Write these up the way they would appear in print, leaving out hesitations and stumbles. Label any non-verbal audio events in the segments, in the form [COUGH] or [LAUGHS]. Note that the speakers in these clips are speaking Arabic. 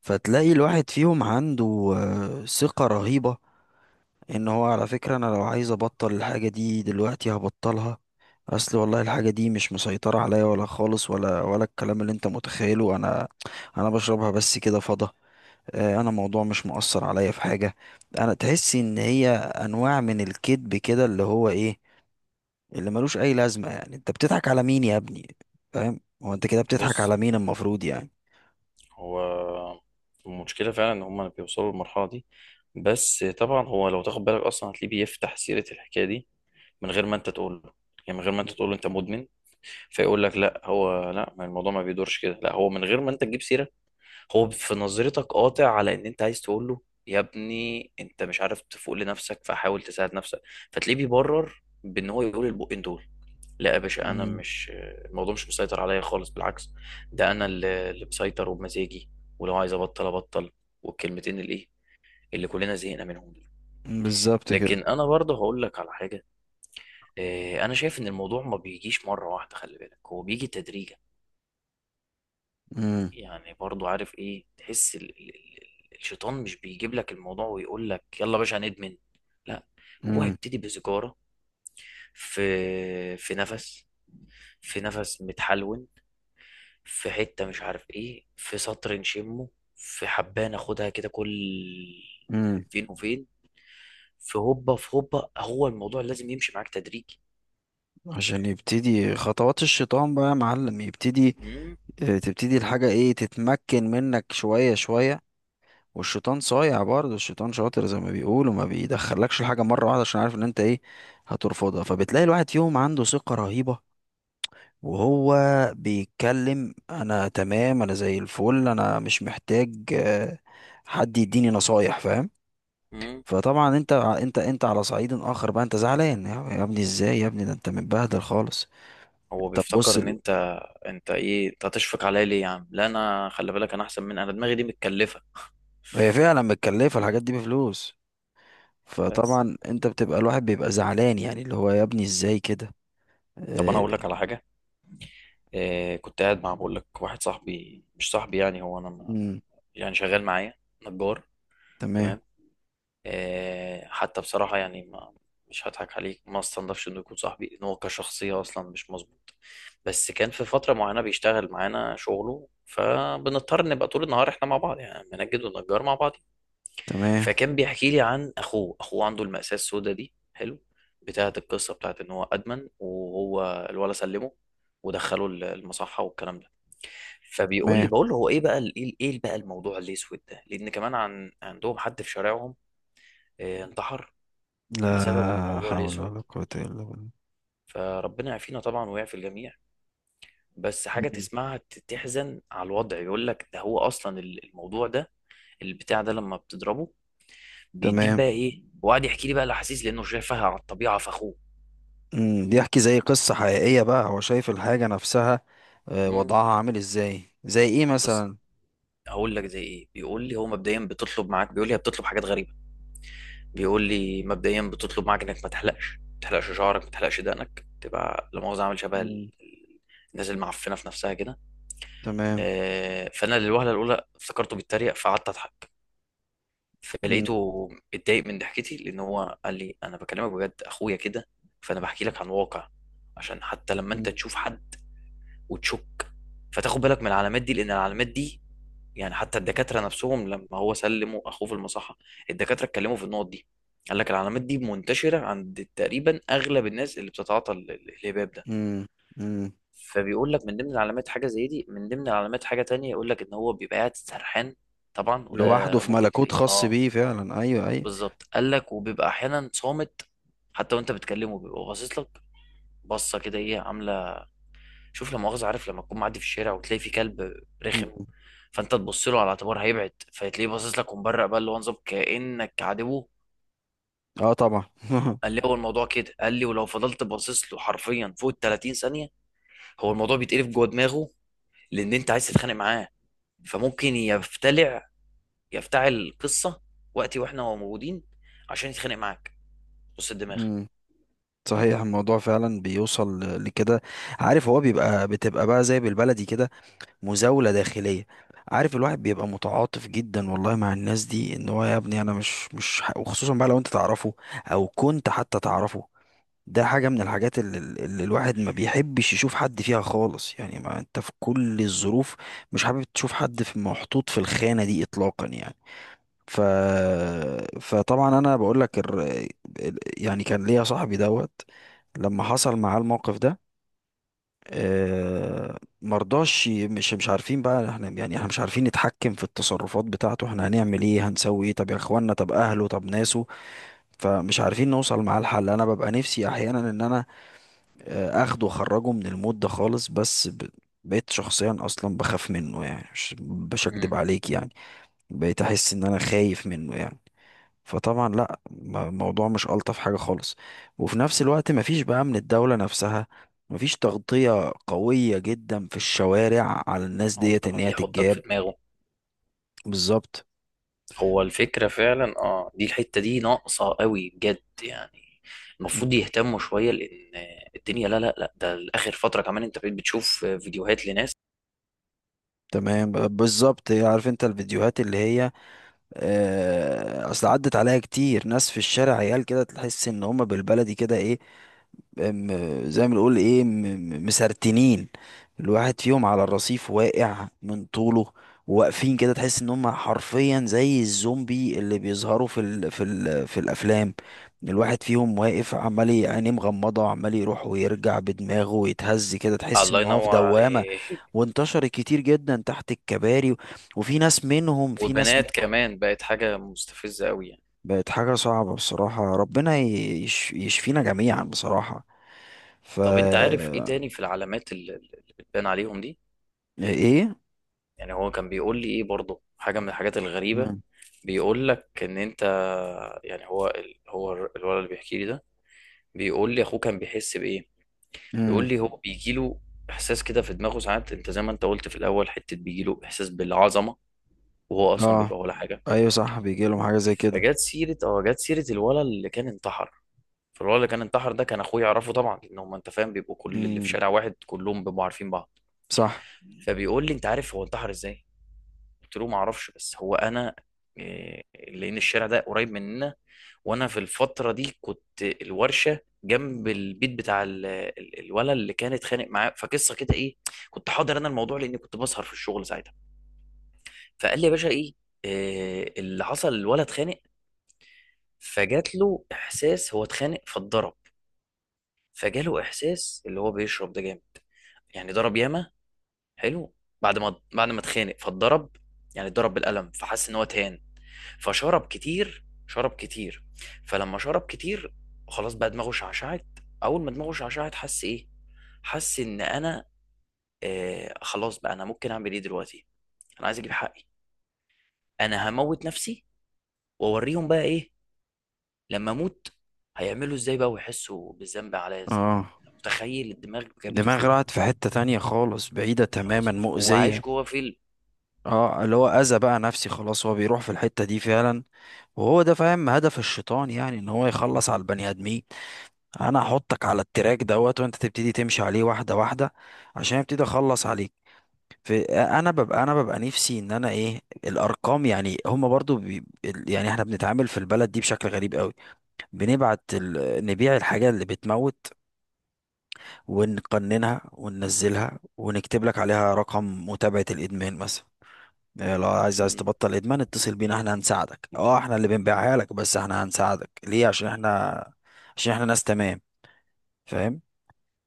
فتلاقي الواحد فيهم عنده ثقة رهيبة. ان هو على فكرة انا لو عايز ابطل الحاجة دي دلوقتي هبطلها. اصل والله الحاجة دي مش مسيطرة عليا ولا خالص، ولا الكلام اللي انت متخيله. انا بشربها بس كده فضة. انا الموضوع مش مؤثر عليا في حاجة. انا تحس ان هي انواع من الكذب كده، اللي هو ايه، اللي ملوش اي لازمة. يعني انت بتضحك على مين يا ابني؟ فاهم؟ هو انت كده بتضحك بص، على مين المفروض يعني؟ هو المشكلة فعلا إن هما بيوصلوا للمرحلة دي. بس طبعا هو لو تاخد بالك أصلا هتلاقيه بيفتح سيرة الحكاية دي من غير ما أنت تقول له، يعني من غير ما أنت تقول له أنت مدمن، فيقول لك لا، هو لا، ما الموضوع ما بيدورش كده، لا هو من غير ما أنت تجيب سيرة، هو في نظرتك قاطع على إن أنت عايز تقول له يا ابني أنت مش عارف تفوق لنفسك فحاول تساعد نفسك، فتلاقيه بيبرر بإن هو يقول البقين دول: لا يا باشا انا مم. مش، الموضوع مش مسيطر عليا خالص، بالعكس، ده انا اللي مسيطر وبمزاجي، ولو عايز ابطل ابطل، والكلمتين الايه اللي كلنا زهقنا منهم دول. بالظبط كده. لكن انا برضه هقول لك على حاجه. انا شايف ان الموضوع ما بيجيش مره واحده، خلي بالك هو بيجي تدريجا. امم. يعني برضه عارف ايه، تحس الشيطان مش بيجيب لك الموضوع ويقول لك يلا يا باشا هندمن، لا، هو هيبتدي بسيجاره، في في نفس في نفس متحلون، في حتة مش عارف ايه، في سطر نشمه، في حبة ناخدها كده، كل امم. فين وفين، في هوبا في هوبا. هو الموضوع لازم يمشي معاك تدريجي. عشان يبتدي خطوات الشيطان بقى يا معلم، يبتدي. مم. تبتدي الحاجة ايه، تتمكن منك شوية شوية. والشيطان صايع، برضه الشيطان شاطر زي ما بيقولوا، ما بيدخلكش الحاجة مرة واحدة عشان عارف ان انت ايه، هترفضها. فبتلاقي الواحد فيهم عنده ثقة رهيبة، وهو بيتكلم انا تمام، انا زي الفل، انا مش محتاج حد يديني نصايح، فاهم. مم. فطبعا انت على صعيد اخر بقى، انت زعلان يا ابني، ازاي يا ابني، ده انت متبهدل خالص. هو طب بيفتكر بص. ان انت، انت ايه، انت هتشفق عليا ليه يا عم؟ لا، انا خلي بالك، انا احسن، من انا دماغي دي متكلفة. هي فعلا متكلفة الحاجات دي بفلوس. بس فطبعا انت بتبقى الواحد بيبقى زعلان، يعني اللي هو يا ابني ازاي كده. طب انا اقول آه، لك على حاجة إيه. كنت قاعد مع بقول لك واحد صاحبي، مش صاحبي يعني، هو انا مم، يعني شغال معايا نجار، تمام، تمام. حتى بصراحة يعني ما، مش هضحك عليك، ما استنضفش انه يكون صاحبي، ان هو كشخصية اصلا مش مظبوط، بس كان في فترة معينة بيشتغل معانا شغله فبنضطر نبقى طول النهار احنا مع بعض، يعني منجد ونجار مع بعض. تمام، فكان بيحكي لي عن اخوه عنده المأساة السوداء دي، حلو، بتاعت القصة، بتاعت ان هو ادمن، وهو الولا سلمه ودخله المصحة والكلام ده. فبيقول لي، تمام. بقول له هو ايه بقى، ايه بقى الموضوع الاسود ده، لان كمان عندهم حد في شارعهم، انتحر، بسبب لا الموضوع حول الاسود، ولا قوة الا بالله. فربنا يعافينا طبعا ويعفي الجميع. بس حاجه مم. تسمعها تحزن على الوضع. يقول لك ده هو اصلا الموضوع ده، البتاع ده لما بتضربه بيديك تمام. بقى ايه، وقعد يحكي لي بقى الاحاسيس لانه شايفها على الطبيعه في اخوه. مم، بيحكي زي قصة حقيقية بقى، هو شايف الحاجة نفسها. آه، مم. وضعها عامل ازاي، زي ايه بس مثلا؟ هقول لك زي ايه. بيقول لي هو مبدئيا بتطلب معاك، بيقول لي هي بتطلب حاجات غريبه، بيقول لي مبدئيا بتطلب معاك انك ما تحلقش شعرك، ما تحلقش دقنك، تبقى لا مؤاخذه عامل شبه مم، ال- الناس المعفنه في نفسها كده. تمام، فانا للوهله الاولى افتكرته بيتريق فقعدت اضحك، مم، فلقيته اتضايق من ضحكتي، لان هو قال لي انا بكلمك بجد، اخويا كده، فانا بحكي لك عن واقع، عشان حتى لما انت مم، تشوف حد وتشك فتاخد بالك من العلامات دي، لان العلامات دي يعني حتى الدكاتره نفسهم لما هو سلموا اخوه في المصحه، الدكاتره اتكلموا في النقط دي، قال لك العلامات دي منتشره عند تقريبا اغلب الناس اللي بتتعاطى الهباب ده. مم، مم. فبيقول لك من ضمن العلامات حاجه زي دي، من ضمن العلامات حاجه تانية يقول لك ان هو بيبقى قاعد سرحان، طبعا لوحده وده في ممكن ملكوت تلاقيه خاص اه، بيه، فعلا، ايوه ايوه. بالظبط. قال لك وبيبقى احيانا صامت حتى وانت بتكلمه، بيبقى باصص لك، بصه كده ايه عامله، شوف لا مؤاخذه، عارف لما تكون معدي في الشارع وتلاقي في كلب رخم، مم. فانت تبص له على اعتبار هيبعد فتلاقيه باصص لك ومبرق بقى، اللي هو نظام كانك عادبه. اه طبعا [LAUGHS] قال لي هو الموضوع كده، قال لي ولو فضلت باصص له حرفيا فوق ال 30 ثانيه هو الموضوع بيتقلب جوه دماغه، لان انت عايز تتخانق معاه، فممكن يفتلع، يفتعل القصه وقتي واحنا هو موجودين عشان يتخانق معاك، بص الدماغ. مم. صحيح الموضوع فعلا بيوصل لكده. عارف، هو بيبقى بتبقى بقى زي بالبلدي كده، مزاولة داخلية. عارف الواحد بيبقى متعاطف جدا والله مع الناس دي، ان هو يا ابني انا مش وخصوصا بقى لو انت تعرفه، او كنت حتى تعرفه. ده حاجة من الحاجات اللي الواحد ما بيحبش يشوف حد فيها خالص، يعني. ما انت في كل الظروف مش حابب تشوف حد في محطوط في الخانة دي اطلاقا يعني. ف... فطبعا انا بقول لك، يعني كان ليا صاحبي دوت. لما حصل معاه الموقف ده، مرضاش مش عارفين بقى احنا، يعني احنا مش عارفين نتحكم في التصرفات بتاعته. احنا هنعمل ايه، هنسوي ايه، طب يا اخوانا، طب اهله، طب ناسه. فمش عارفين نوصل معاه الحل. انا ببقى نفسي احيانا ان انا اخده واخرجه من المود ده خالص، بس. بقيت شخصيا اصلا بخاف منه، يعني مش مم. هكدب عليك يعني. بقيت احس ان انا خايف منه يعني. فطبعا لا، الموضوع مش ألطف حاجة خالص. وفي نفس الوقت مفيش بقى من الدولة نفسها، مفيش تغطية قوية جدا في الشوارع على الناس هو ديت انت ان ما هي يحطك في تتجاب. دماغه. بالظبط. هو الفكره فعلا اه، دي الحته دي ناقصه قوي بجد يعني، المفروض مم. يهتموا شويه لان الدنيا، لا لا لا، ده اخر فتره كمان انت بقيت بتشوف فيديوهات لناس، تمام، بالظبط. عارف انت الفيديوهات اللي هي، اصل عدت عليها كتير، ناس في الشارع عيال كده تحس ان هما بالبلدي كده، ايه، زي ما بنقول ايه، مسرتنين. الواحد فيهم على الرصيف واقع من طوله، واقفين كده تحس ان هم حرفيا زي الزومبي اللي بيظهروا في الافلام. الواحد فيهم واقف عمال عينيه مغمضه، عمال يروح ويرجع بدماغه ويتهز كده، تحس الله ان هو في ينور دوامه. عليك [LAUGHS] وانتشرت كتير جدا تحت الكباري وفي ناس منهم، وبنات كمان، بقت حاجه مستفزه قوي يعني. بقت حاجه صعبه بصراحه. ربنا يشفينا جميعا بصراحه. ف. طب انت عارف ايه تاني في العلامات اللي بتبان عليهم دي؟ ايه. يعني هو كان بيقول لي ايه برضه حاجه من الحاجات الغريبه. امم، بيقول لك ان انت، يعني هو الولد اللي بيحكي لي ده بيقول لي اخوه كان بيحس بايه، بيقول امم. لي هو بيجي له احساس كده في دماغه ساعات، انت زي ما انت قلت في الاول، حته بيجي له احساس بالعظمه وهو اصلا اه بيبقى ولا حاجه. ايوه صح، بيجي لهم حاجه زي كده. فجت سيره اه، جت سيره الولد اللي كان انتحر، فالولد اللي كان انتحر ده كان اخوه يعرفه طبعا، لان هم انت فاهم بيبقوا كل اللي في امم. شارع واحد كلهم بيبقوا عارفين بعض. صح. فبيقول لي انت عارف هو انتحر ازاي، قلت له ما اعرفش، بس هو انا لان الشارع ده قريب مننا، وانا في الفتره دي كنت الورشه جنب البيت بتاع الولد اللي كان اتخانق معاه، فقصه كده ايه، كنت حاضر انا الموضوع لاني كنت بسهر في الشغل ساعتها. فقال لي يا باشا ايه اللي حصل الولد اتخانق، فجات له احساس هو اتخانق فاتضرب، فجاله احساس اللي هو بيشرب ده جامد، يعني ضرب ياما، حلو، بعد ما اتخانق فاتضرب، يعني اتضرب بالقلم فحس ان هو تهان، فشرب كتير، شرب كتير، فلما شرب كتير خلاص بقى دماغه شعشعت، اول ما دماغه شعشعت حس ايه، حس ان انا خلاص بقى، انا ممكن اعمل ايه دلوقتي، انا عايز اجيب حقي، انا هموت نفسي واوريهم بقى ايه، لما اموت هيعملوا ازاي بقى ويحسوا بالذنب عليا ازاي، اه، متخيل الدماغ جابته دماغ فين، راحت في حته تانية خالص، بعيده خلاص تماما، يا باشا هو عايش مؤذيه. جوه فيلم. اه، اللي هو اذى بقى نفسي خلاص، هو بيروح في الحته دي فعلا. وهو ده فاهم هدف الشيطان، يعني ان هو يخلص على البني ادمين. انا احطك على التراك دوت وانت تبتدي تمشي عليه واحده واحده، عشان ابتدي اخلص عليك. في، انا ببقى، نفسي ان انا ايه الارقام، يعني هم برضو يعني احنا بنتعامل في البلد دي بشكل غريب قوي. نبيع الحاجة اللي بتموت، ونقننها وننزلها ونكتب لك عليها رقم متابعة الإدمان مثلا. إيه، لو عايز مم. تبطل إدمان اتصل بينا، احنا هنساعدك. اه احنا اللي بنبيعها لك، بس احنا هنساعدك ليه؟ عشان احنا، عشان احنا ناس تمام، فاهم.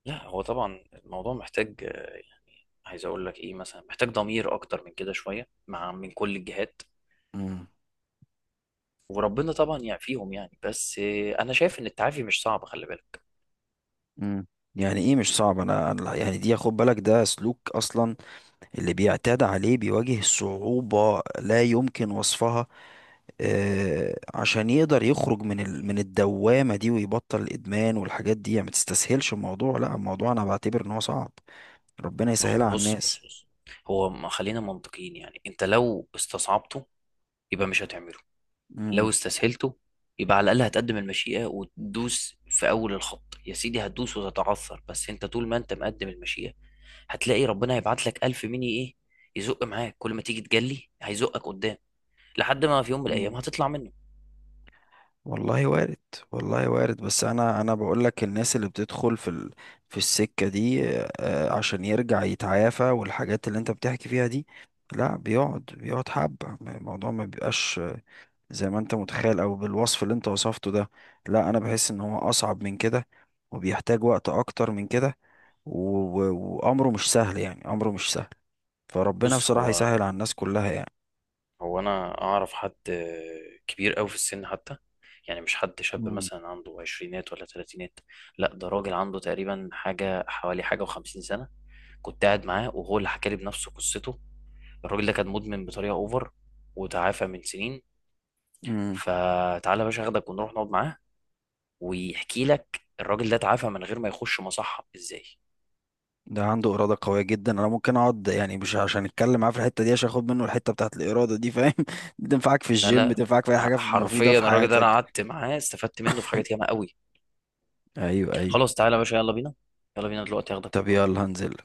لا، هو طبعا الموضوع محتاج عايز اقول لك ايه مثلا، محتاج ضمير اكتر من كده شويه، مع من كل الجهات، امم، وربنا طبعا يعافيهم يعني، بس انا شايف ان التعافي مش صعب، خلي بالك. امم. يعني ايه مش صعب؟ انا يعني دي، خد بالك، ده سلوك اصلا، اللي بيعتاد عليه بيواجه صعوبة لا يمكن وصفها، عشان يقدر يخرج من الدوامة دي ويبطل الإدمان والحاجات دي، يعني. ما تستسهلش الموضوع، لا الموضوع أنا بعتبر إن هو صعب. ربنا ما يسهلها هو على بص بص الناس. بص، هو ما خلينا منطقيين، يعني انت لو استصعبته يبقى مش هتعمله، مم. لو استسهلته يبقى على الاقل هتقدم المشيئة وتدوس في اول الخط، يا سيدي هتدوس وتتعثر، بس انت طول ما انت مقدم المشيئة هتلاقي ربنا هيبعت لك الف مني ايه، يزق معاك كل ما تيجي تجلي هيزقك قدام، لحد ما في يوم من الايام مم. هتطلع منه. والله وارد، والله وارد. بس أنا بقول لك، الناس اللي بتدخل في في السكة دي، عشان يرجع يتعافى، والحاجات اللي أنت بتحكي فيها دي، لا بيقعد، حبة الموضوع ما بيبقاش زي ما انت متخيل، او بالوصف اللي انت وصفته ده. لا، انا بحس ان هو اصعب من كده، وبيحتاج وقت اكتر من كده، وامره مش سهل، يعني امره مش سهل. فربنا بص بصراحة هو يسهل على الناس كلها يعني. هو انا اعرف حد كبير قوي في السن حتى، يعني مش حد شاب مم. مثلا عنده عشرينات ولا تلاتينات، لا، ده راجل عنده تقريبا حاجة حوالي حاجة وخمسين سنة، كنت قاعد معاه وهو اللي حكالي بنفسه قصته، الراجل ده كان مدمن بطريقة اوفر وتعافى من سنين. امم. فتعالى يا باشا اخدك ونروح نقعد معاه، ويحكي لك الراجل ده تعافى من غير ما يخش مصحة ازاي. ده عنده إرادة قوية جدا. انا ممكن اقعد، يعني مش عشان اتكلم معاه في الحتة دي، عشان اخد منه الحتة بتاعت الإرادة دي، فاهم. [LAUGHS] بتنفعك في لا الجيم، لا، بتنفعك في اي حاجة مفيدة حرفيا في الراجل ده انا حياتك. قعدت معاه استفدت منه في حاجات ياما قوي، ايوه ايوه. خلاص تعالى يا باشا، يلا بينا، يلا بينا دلوقتي اخدك طب ونروح. يلا هنزل.